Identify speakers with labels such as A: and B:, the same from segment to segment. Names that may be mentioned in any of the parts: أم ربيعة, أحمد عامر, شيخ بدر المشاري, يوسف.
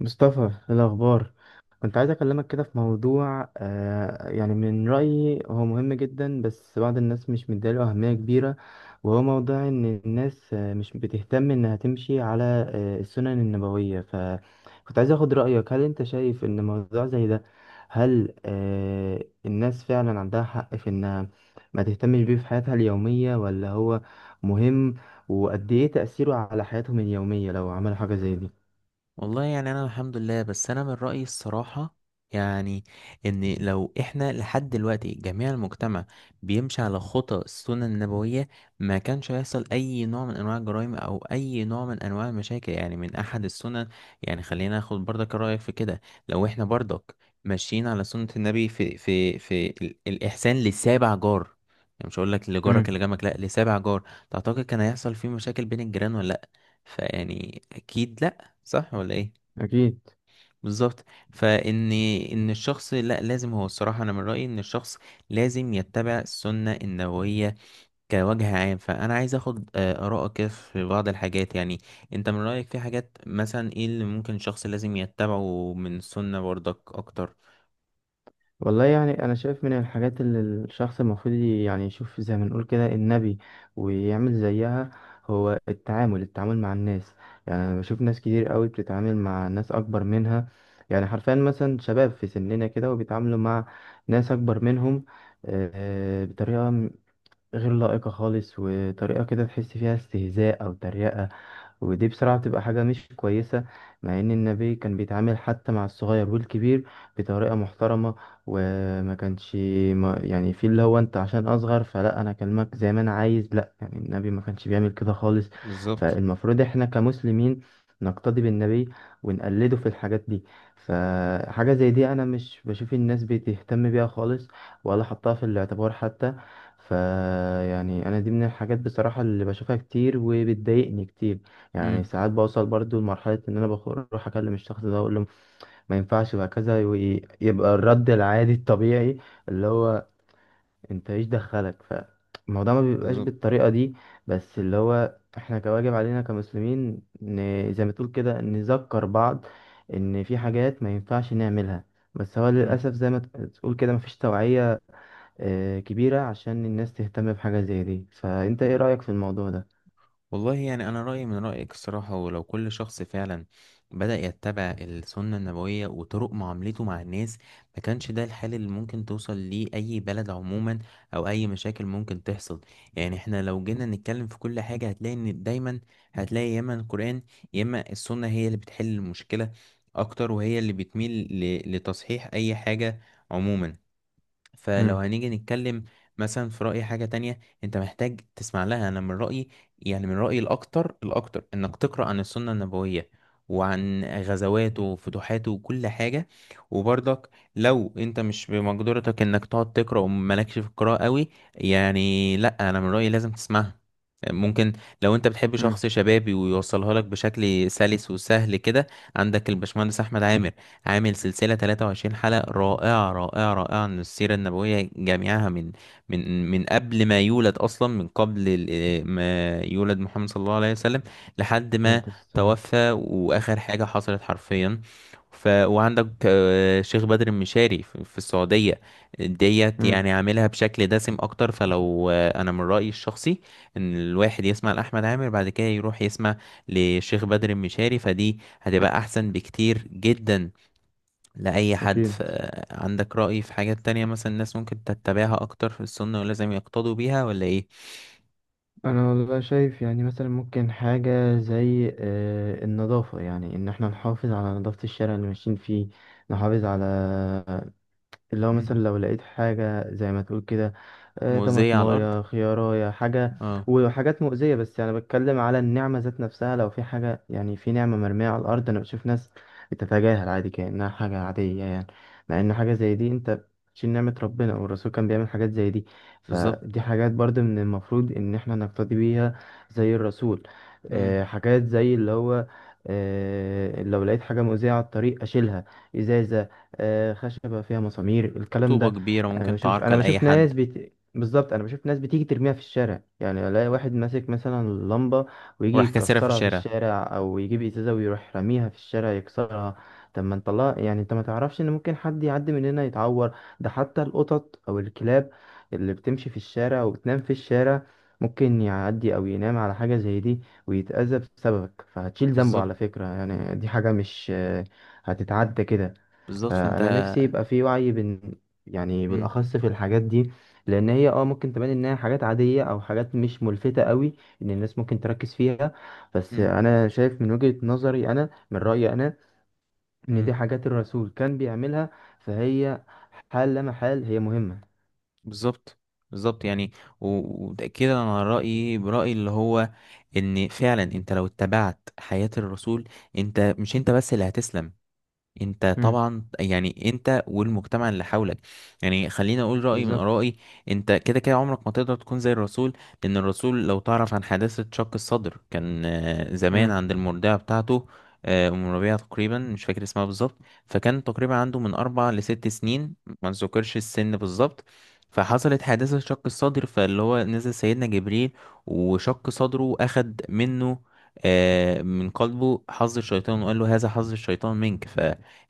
A: مصطفى، إيه الأخبار؟ كنت عايز أكلمك كده في موضوع، يعني من رأيي هو مهم جدا. بس بعض الناس مش مديله أهمية كبيرة. وهو موضوع إن الناس مش بتهتم إنها تمشي على السنن النبوية. فكنت عايز أخد رأيك، هل أنت شايف إن موضوع زي ده، هل الناس فعلا عندها حق في إنها ما تهتمش بيه في حياتها اليومية، ولا هو مهم؟ وقد إيه تأثيره على حياتهم اليومية لو عملوا حاجة زي دي؟
B: والله يعني انا الحمد لله، بس انا من رأيي الصراحة يعني ان لو احنا لحد دلوقتي جميع المجتمع بيمشي على خطى السنة النبوية، ما كانش هيحصل اي نوع من انواع الجرائم او اي نوع من انواع المشاكل، يعني من احد السنن. يعني خلينا ناخد برضك رأيك في كده. لو احنا برضك ماشيين على سنة النبي في الاحسان لسابع جار، يعني مش هقول لك لجارك
A: امم.
B: اللي جنبك، لا، لسابع جار. تعتقد كان هيحصل فيه مشاكل بين الجيران ولا لا؟ فيعني اكيد لا. صح ولا ايه؟
A: اكيد.
B: بالظبط. فان ان الشخص لا لازم، هو الصراحه انا من رايي ان الشخص لازم يتبع السنه النبويه كوجه عام. فانا عايز اخد ارائك كده في بعض الحاجات، يعني انت من رايك في حاجات مثلا ايه اللي ممكن الشخص لازم يتبعه من السنه برضك اكتر؟
A: والله يعني أنا شايف من الحاجات اللي الشخص المفروض يعني يشوف زي ما نقول كده النبي ويعمل زيها، هو التعامل مع الناس. يعني أنا بشوف ناس كتير قوي بتتعامل مع ناس أكبر منها، يعني حرفيا مثلا شباب في سننا كده وبيتعاملوا مع ناس أكبر منهم، بطريقة غير لائقة خالص، وطريقة كده تحس فيها استهزاء أو تريقة. ودي بصراحة بتبقى حاجة مش كويسة. مع إن النبي كان بيتعامل حتى مع الصغير والكبير بطريقة محترمة، وما كانش ما يعني في اللي هو أنت عشان أصغر فلا، أنا أكلمك زي ما أنا عايز، لا. يعني النبي ما كانش بيعمل كده خالص.
B: بالظبط.
A: فالمفروض إحنا كمسلمين نقتدي بالنبي ونقلده في الحاجات دي. فحاجة زي دي أنا مش بشوف الناس بتهتم بيها خالص، ولا حطها في الاعتبار حتى. فيعني انا دي من الحاجات بصراحة اللي بشوفها كتير وبتضايقني كتير. يعني
B: امم.
A: ساعات بوصل برضو لمرحلة ان انا بروح اكلم الشخص ده اقول له ما ينفعش يبقى كذا، ويبقى الرد العادي الطبيعي اللي هو انت ايش دخلك فالموضوع. ما بيبقاش
B: بالظبط.
A: بالطريقة دي. بس اللي هو احنا كواجب علينا كمسلمين زي ما تقول كده نذكر بعض ان في حاجات ما ينفعش نعملها. بس هو
B: امم.
A: للأسف زي ما تقول كده مفيش توعية كبيرة عشان الناس تهتم بحاجة زي دي. فأنت إيه رأيك في الموضوع ده؟
B: والله يعني أنا رأيي من رأيك الصراحة، ولو كل شخص فعلا بدأ يتبع السنة النبوية وطرق معاملته مع الناس، ما كانش ده الحال اللي ممكن توصل ليه أي بلد عموما، أو أي مشاكل ممكن تحصل. يعني احنا لو جينا نتكلم في كل حاجة، هتلاقي إن دايما هتلاقي يا إما القرآن يا إما السنة هي اللي بتحل المشكلة أكتر، وهي اللي بتميل لتصحيح أي حاجة عموما. فلو
A: امم.
B: هنيجي نتكلم مثلا في رأي حاجة تانية انت محتاج تسمع لها، انا من رأيي، يعني من رأيي الاكتر انك تقرأ عن السنة النبوية وعن غزواته وفتوحاته وكل حاجة. وبرضك لو انت مش بمقدرتك انك تقعد تقرأ ومالكش في القراءة قوي، يعني لا، انا من رأيي لازم تسمعها. ممكن لو انت بتحب
A: امم.
B: شخص شبابي ويوصلها لك بشكل سلس وسهل كده، عندك البشمهندس احمد عامر، عامل سلسلة 23 حلقة رائعة عن السيرة النبوية جميعها، من قبل ما يولد أصلا، من قبل ال- آه، ما يولد محمد صلى الله عليه وسلم لحد ما
A: نبدأ السؤال.
B: توفى وآخر حاجة حصلت حرفيا. وعندك شيخ بدر المشاري في السعودية، ديت
A: امم.
B: يعني عاملها بشكل دسم أكتر. فلو أنا من رأيي الشخصي إن الواحد يسمع لأحمد عامر بعد كده يروح يسمع لشيخ بدر المشاري، فدي هتبقى أحسن بكتير جدا لأي حد.
A: اكيد.
B: عندك رأي في حاجات تانية مثلا الناس ممكن تتبعها أكتر في السنة ولازم يقتضوا بيها ولا إيه؟
A: أنا والله شايف يعني مثلا ممكن حاجة زي النظافة، يعني إن إحنا نحافظ على نظافة الشارع اللي ماشيين فيه، نحافظ على اللي هو مثلا
B: مم.
A: لو لقيت حاجة زي ما تقول كده،
B: مؤذية على الأرض؟
A: طماطماية خياراية حاجة
B: اه.
A: وحاجات مؤذية. بس يعني بتكلم على النعمة ذات نفسها، لو في حاجة يعني في نعمة مرمية على الأرض، أنا بشوف ناس بتتجاهل عادي كأنها حاجة عادية يعني. مع إن حاجة زي دي أنت بتشيل نعمة ربنا، والرسول كان بيعمل حاجات زي دي.
B: بالظبط.
A: فدي حاجات برضه من المفروض إن إحنا نقتدي بيها زي الرسول.
B: مم.
A: حاجات زي اللي هو لو لقيت حاجة مؤذية على الطريق أشيلها. إزاي؟ خشبة فيها مسامير، الكلام
B: طوبة
A: ده.
B: كبيرة
A: انا
B: ممكن
A: بشوف انا
B: تعرقل أي
A: بشوف
B: حد.
A: ناس بت... بالظبط، انا بشوف ناس بتيجي ترميها في الشارع، يعني الاقي واحد ماسك مثلا لمبة ويجي
B: وراح كاسرها في
A: يكسرها في
B: الشارع.
A: الشارع، او يجيب ازازة ويروح راميها في الشارع يكسرها. طب ما انت الله، يعني انت ما تعرفش ان ممكن حد يعدي من هنا يتعور؟ ده حتى القطط او الكلاب اللي بتمشي في الشارع وبتنام في الشارع ممكن يعدي او ينام على حاجة زي دي ويتأذى بسببك، فهتشيل ذنبه
B: بالظبط.
A: على فكرة. يعني دي حاجة مش هتتعدى كده.
B: بالظبط فأنت.
A: فانا نفسي يبقى في وعي بين، يعني
B: مم.
A: بالاخص في الحاجات دي. لان هي ممكن تبان انها حاجات عاديه او حاجات مش ملفته قوي ان الناس ممكن تركز فيها. بس
B: مم.
A: انا شايف من وجهه نظري، انا من رايي انا، ان
B: مم.
A: دي حاجات الرسول كان بيعملها، فهي حال لا محال هي مهمه.
B: بالظبط. بالظبط يعني. وتأكيدا على رأيي برأيي اللي هو إن فعلا أنت لو اتبعت حياة الرسول، أنت مش أنت بس اللي هتسلم، انت
A: مم.
B: طبعا يعني انت والمجتمع اللي حولك. يعني خليني اقول رأيي من
A: بالظبط.
B: آرائي، انت كده كده عمرك ما تقدر تكون زي الرسول. لان الرسول لو تعرف عن حادثة شق الصدر، كان زمان
A: مم.
B: عند المرضعة بتاعته، ام ربيعة تقريبا، مش فاكر اسمها بالظبط. فكان تقريبا عنده من اربع لست سنين، ما نذكرش السن بالظبط. فحصلت حادثة شق الصدر، فاللي هو نزل سيدنا جبريل وشق صدره، أخد منه من قلبه حظ الشيطان وقال له هذا حظ الشيطان منك. ف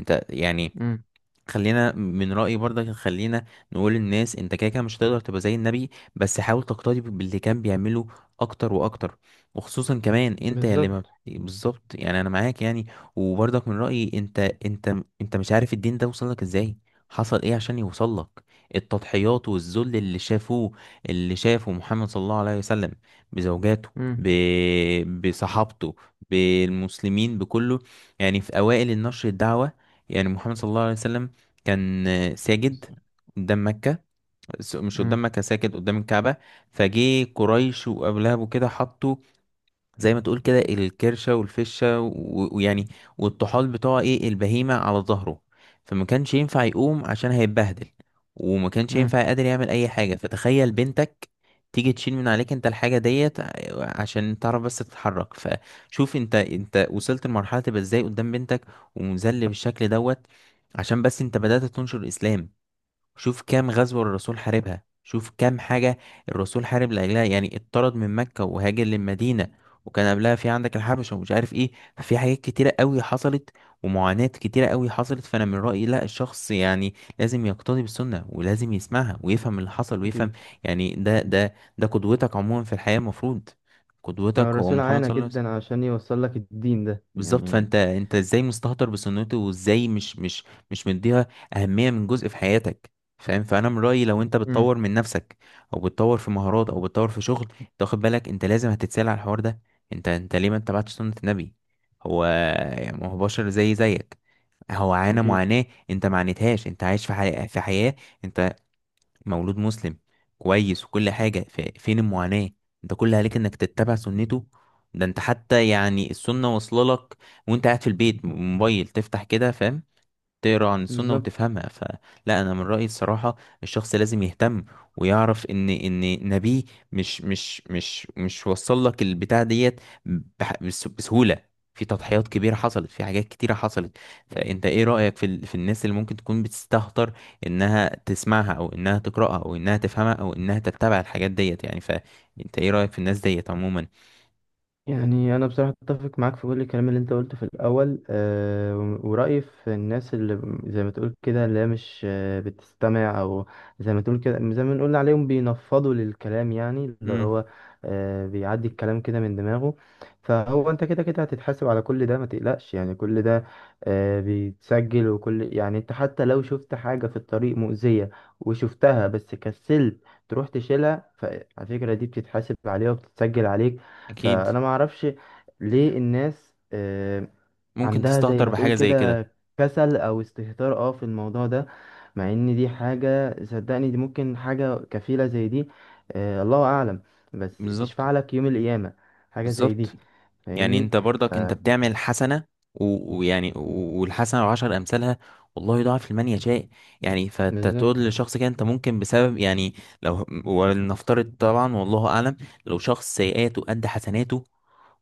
B: انت يعني
A: مم.
B: خلينا من رأيي برضك، خلينا نقول للناس انت كده كده مش هتقدر تبقى زي النبي، بس حاول تقتدي باللي كان بيعمله اكتر واكتر. وخصوصا كمان انت اللي ما
A: بالظبط.
B: بت- بالظبط يعني انا معاك يعني. وبرضك من رأيي انت انت مش عارف الدين ده وصل لك ازاي، حصل ايه عشان يوصل لك. التضحيات والذل اللي شافوه، اللي شافه محمد صلى الله عليه وسلم، بزوجاته،
A: مم.
B: ب... بصحابته، بالمسلمين، بكله. يعني في اوائل النشر الدعوة، يعني محمد صلى الله عليه وسلم كان ساجد
A: بس.
B: قدام مكة، س- مش
A: مم.
B: قدام مكة ساجد قدام الكعبة. فجه قريش وأبو لهب وكده، حطوا زي ما تقول كده الكرشة والفشة و- ويعني والطحال بتوع ايه البهيمة على ظهره. فما كانش ينفع يقوم عشان هيتبهدل، وما كانش
A: مم.
B: ينفع قادر يعمل اي حاجة. فتخيل بنتك تيجي تشيل من عليك انت الحاجة ديت عشان تعرف بس تتحرك. فشوف انت وصلت لمرحلة تبقى ازاي قدام بنتك، ومذل بالشكل دوت، عشان بس انت بدأت تنشر الاسلام. شوف كام غزوة الرسول حاربها، شوف كام حاجة الرسول حارب لأجلها. يعني اتطرد من مكة وهاجر للمدينة، وكان قبلها في عندك الحبشة ومش عارف ايه. ففي حاجات كتيرة قوي حصلت، ومعاناة كتيرة قوي حصلت. فأنا من رأيي لا، الشخص يعني لازم يقتدي بالسنة ولازم يسمعها ويفهم اللي حصل ويفهم.
A: اكيد.
B: يعني ده قدوتك عموما في الحياة، المفروض قدوتك هو
A: الرسول
B: محمد
A: عانى
B: صلى الله عليه وسلم.
A: جدا عشان يوصل لك الدين ده
B: بالظبط
A: يعني.
B: فانت ازاي مستهتر بسنته، وازاي مش مديها اهميه من جزء في حياتك؟ فاهم. فانا من رايي لو انت
A: مم.
B: بتطور من نفسك، او بتطور في مهارات، او بتطور في شغل، انت واخد بالك انت لازم هتتسال على الحوار ده. انت ليه ما اتبعتش سنه النبي؟ هو يعني ما هو بشر زيك، هو عانى
A: أكيد.
B: معاناه انت ما عانيتهاش. انت عايش في حياه، انت مولود مسلم كويس وكل حاجة، فين المعاناة؟ انت كل عليك انك تتبع سنته. ده انت حتى يعني السنة واصلة لك وانت قاعد في البيت، موبايل تفتح كده، فاهم، تقرا عن السنة
A: بالظبط.
B: وتفهمها. فلا، انا من رأيي الصراحة الشخص لازم يهتم ويعرف ان نبيه مش وصل لك البتاع ديت بسهولة. في تضحيات كبيرة حصلت، في حاجات كتيرة حصلت. فانت ايه رأيك في الناس اللي ممكن تكون بتستهتر انها تسمعها، او انها تقرأها، او انها تفهمها، او انها تتبع الحاجات ديت؟ يعني فانت ايه رأيك في الناس ديت عموما؟
A: يعني انا بصراحه اتفق معاك في كل الكلام اللي انت قلته في الاول. ورايي في الناس اللي زي ما تقول كده، اللي هي مش بتستمع، او زي ما تقول كده، زي ما نقول عليهم بينفضوا للكلام، يعني اللي
B: امم.
A: هو بيعدي الكلام كده من دماغه. فهو انت كده كده هتتحاسب على كل ده، ما تقلقش، يعني كل ده بيتسجل. وكل، يعني انت حتى لو شفت حاجه في الطريق مؤذيه وشفتها بس كسلت تروح تشيلها، فعلى فكره دي بتتحاسب عليها وبتتسجل عليك.
B: اكيد.
A: فانا ما اعرفش ليه الناس
B: ممكن
A: عندها زي
B: تستهتر
A: ما تقول
B: بحاجة زي كده.
A: كده كسل او استهتار في الموضوع ده. مع ان دي حاجة، صدقني دي ممكن حاجة كفيلة زي دي، الله اعلم، بس
B: بالظبط.
A: تشفع لك يوم القيامة. حاجة زي
B: بالظبط
A: دي،
B: يعني.
A: فاهمني.
B: انت
A: ف
B: برضك انت بتعمل حسنة، والحسنة وعشر امثالها، والله يضاعف لمن يشاء. يعني فانت
A: بالظبط.
B: تقول لشخص كده انت ممكن بسبب يعني، لو ولنفترض طبعا والله اعلم، لو شخص سيئاته قد حسناته،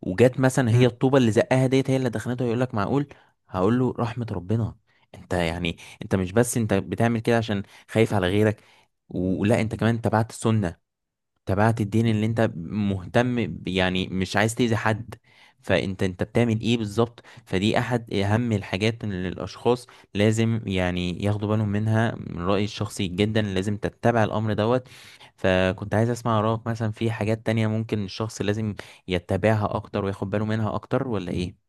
B: وجات مثلا هي الطوبة اللي زقها ديت هي اللي دخلته، يقول لك معقول؟ هقول له رحمة ربنا. انت يعني انت مش بس انت بتعمل كده عشان خايف على غيرك، ولا انت كمان تبعت السنة، تبعت الدين اللي انت مهتم يعني مش عايز تأذي حد. فانت بتعمل ايه بالظبط؟ فدي احد اهم الحاجات اللي الاشخاص لازم يعني ياخدوا بالهم منها. من رأيي الشخصي جدا لازم تتبع الامر دوت. فكنت عايز اسمع رأيك مثلا في حاجات تانية ممكن الشخص لازم يتبعها اكتر وياخد باله منها اكتر، ولا ايه؟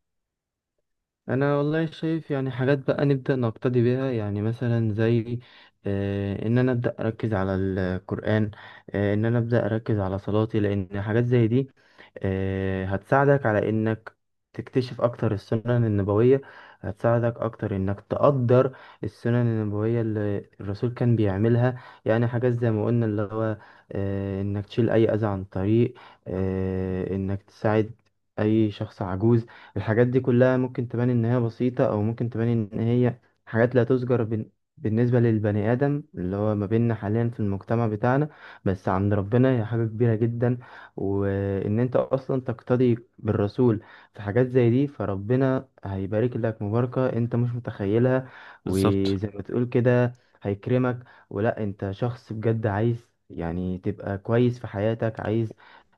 A: انا والله شايف يعني حاجات بقى نبدا نقتدي بيها، يعني مثلا زي ان انا ابدا اركز على القران. ان انا ابدا اركز على صلاتي، لان حاجات زي دي هتساعدك على انك تكتشف اكتر السنن النبويه. هتساعدك اكتر انك تقدر السنن النبويه اللي الرسول كان بيعملها. يعني حاجات زي ما قلنا اللي هو انك تشيل اي اذى عن الطريق، انك تساعد اي شخص عجوز. الحاجات دي كلها ممكن تبان إن هي بسيطة، أو ممكن تبان إن هي حاجات لا تذكر بالنسبة للبني آدم اللي هو ما بيننا حاليا في المجتمع بتاعنا. بس عند ربنا هي حاجة كبيرة جدا. وإن أنت أصلا تقتدي بالرسول في حاجات زي دي، فربنا هيبارك لك مباركة أنت مش متخيلها.
B: بالظبط.
A: وزي ما تقول كده هيكرمك. ولا أنت شخص بجد عايز يعني تبقى كويس في حياتك، عايز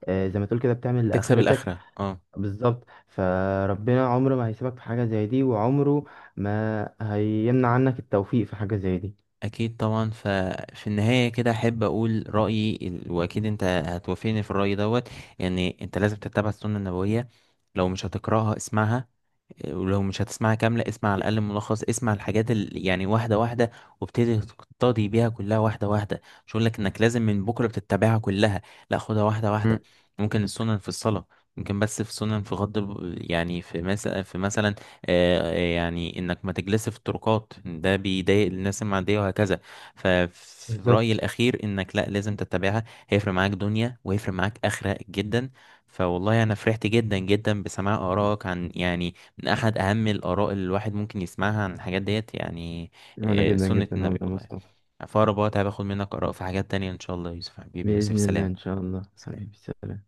A: زي ما تقول كده بتعمل
B: تكسب
A: لآخرتك.
B: الاخرة، اه.
A: بالظبط. فربنا عمره ما هيسيبك في حاجة زي دي، وعمره ما هيمنع عنك التوفيق في حاجة زي دي.
B: اكيد طبعا. ففي النهايه كده احب اقول رايي واكيد انت هتوافقني في الراي دوت. يعني انت لازم تتبع السنه النبويه، لو مش هتقراها اسمعها، ولو مش هتسمعها كاملة اسمع على الأقل ملخص. اسمع الحاجات يعني واحدة واحدة، وابتدي تقتدي بيها كلها واحدة واحدة. مش هقولك إنك لازم من بكرة بتتبعها كلها، لا، خدها واحدة
A: مم.
B: واحدة. ممكن السنن في الصلاة، ممكن بس في سنن في يعني في مثلا يعني انك ما تجلس في الطرقات، ده بيضايق الناس المعدية، وهكذا. ففي رأيي
A: بالظبط.
B: الأخير انك لا لازم تتبعها، هيفرق معاك دنيا وهيفرق معاك آخرة جدا. فوالله انا فرحت جدا بسماع آرائك عن يعني من أحد أهم الآراء اللي الواحد ممكن يسمعها عن الحاجات ديت، يعني
A: وانا جدا
B: سنة
A: جدا
B: النبي
A: والله يا
B: والله.
A: مصطفى.
B: فأقرب وقت هباخد منك آراء في حاجات تانية إن شاء الله. يا يوسف حبيبي، يا يوسف،
A: بإذن الله،
B: سلام.
A: إن شاء الله حبيبي،
B: سلام.
A: سلام.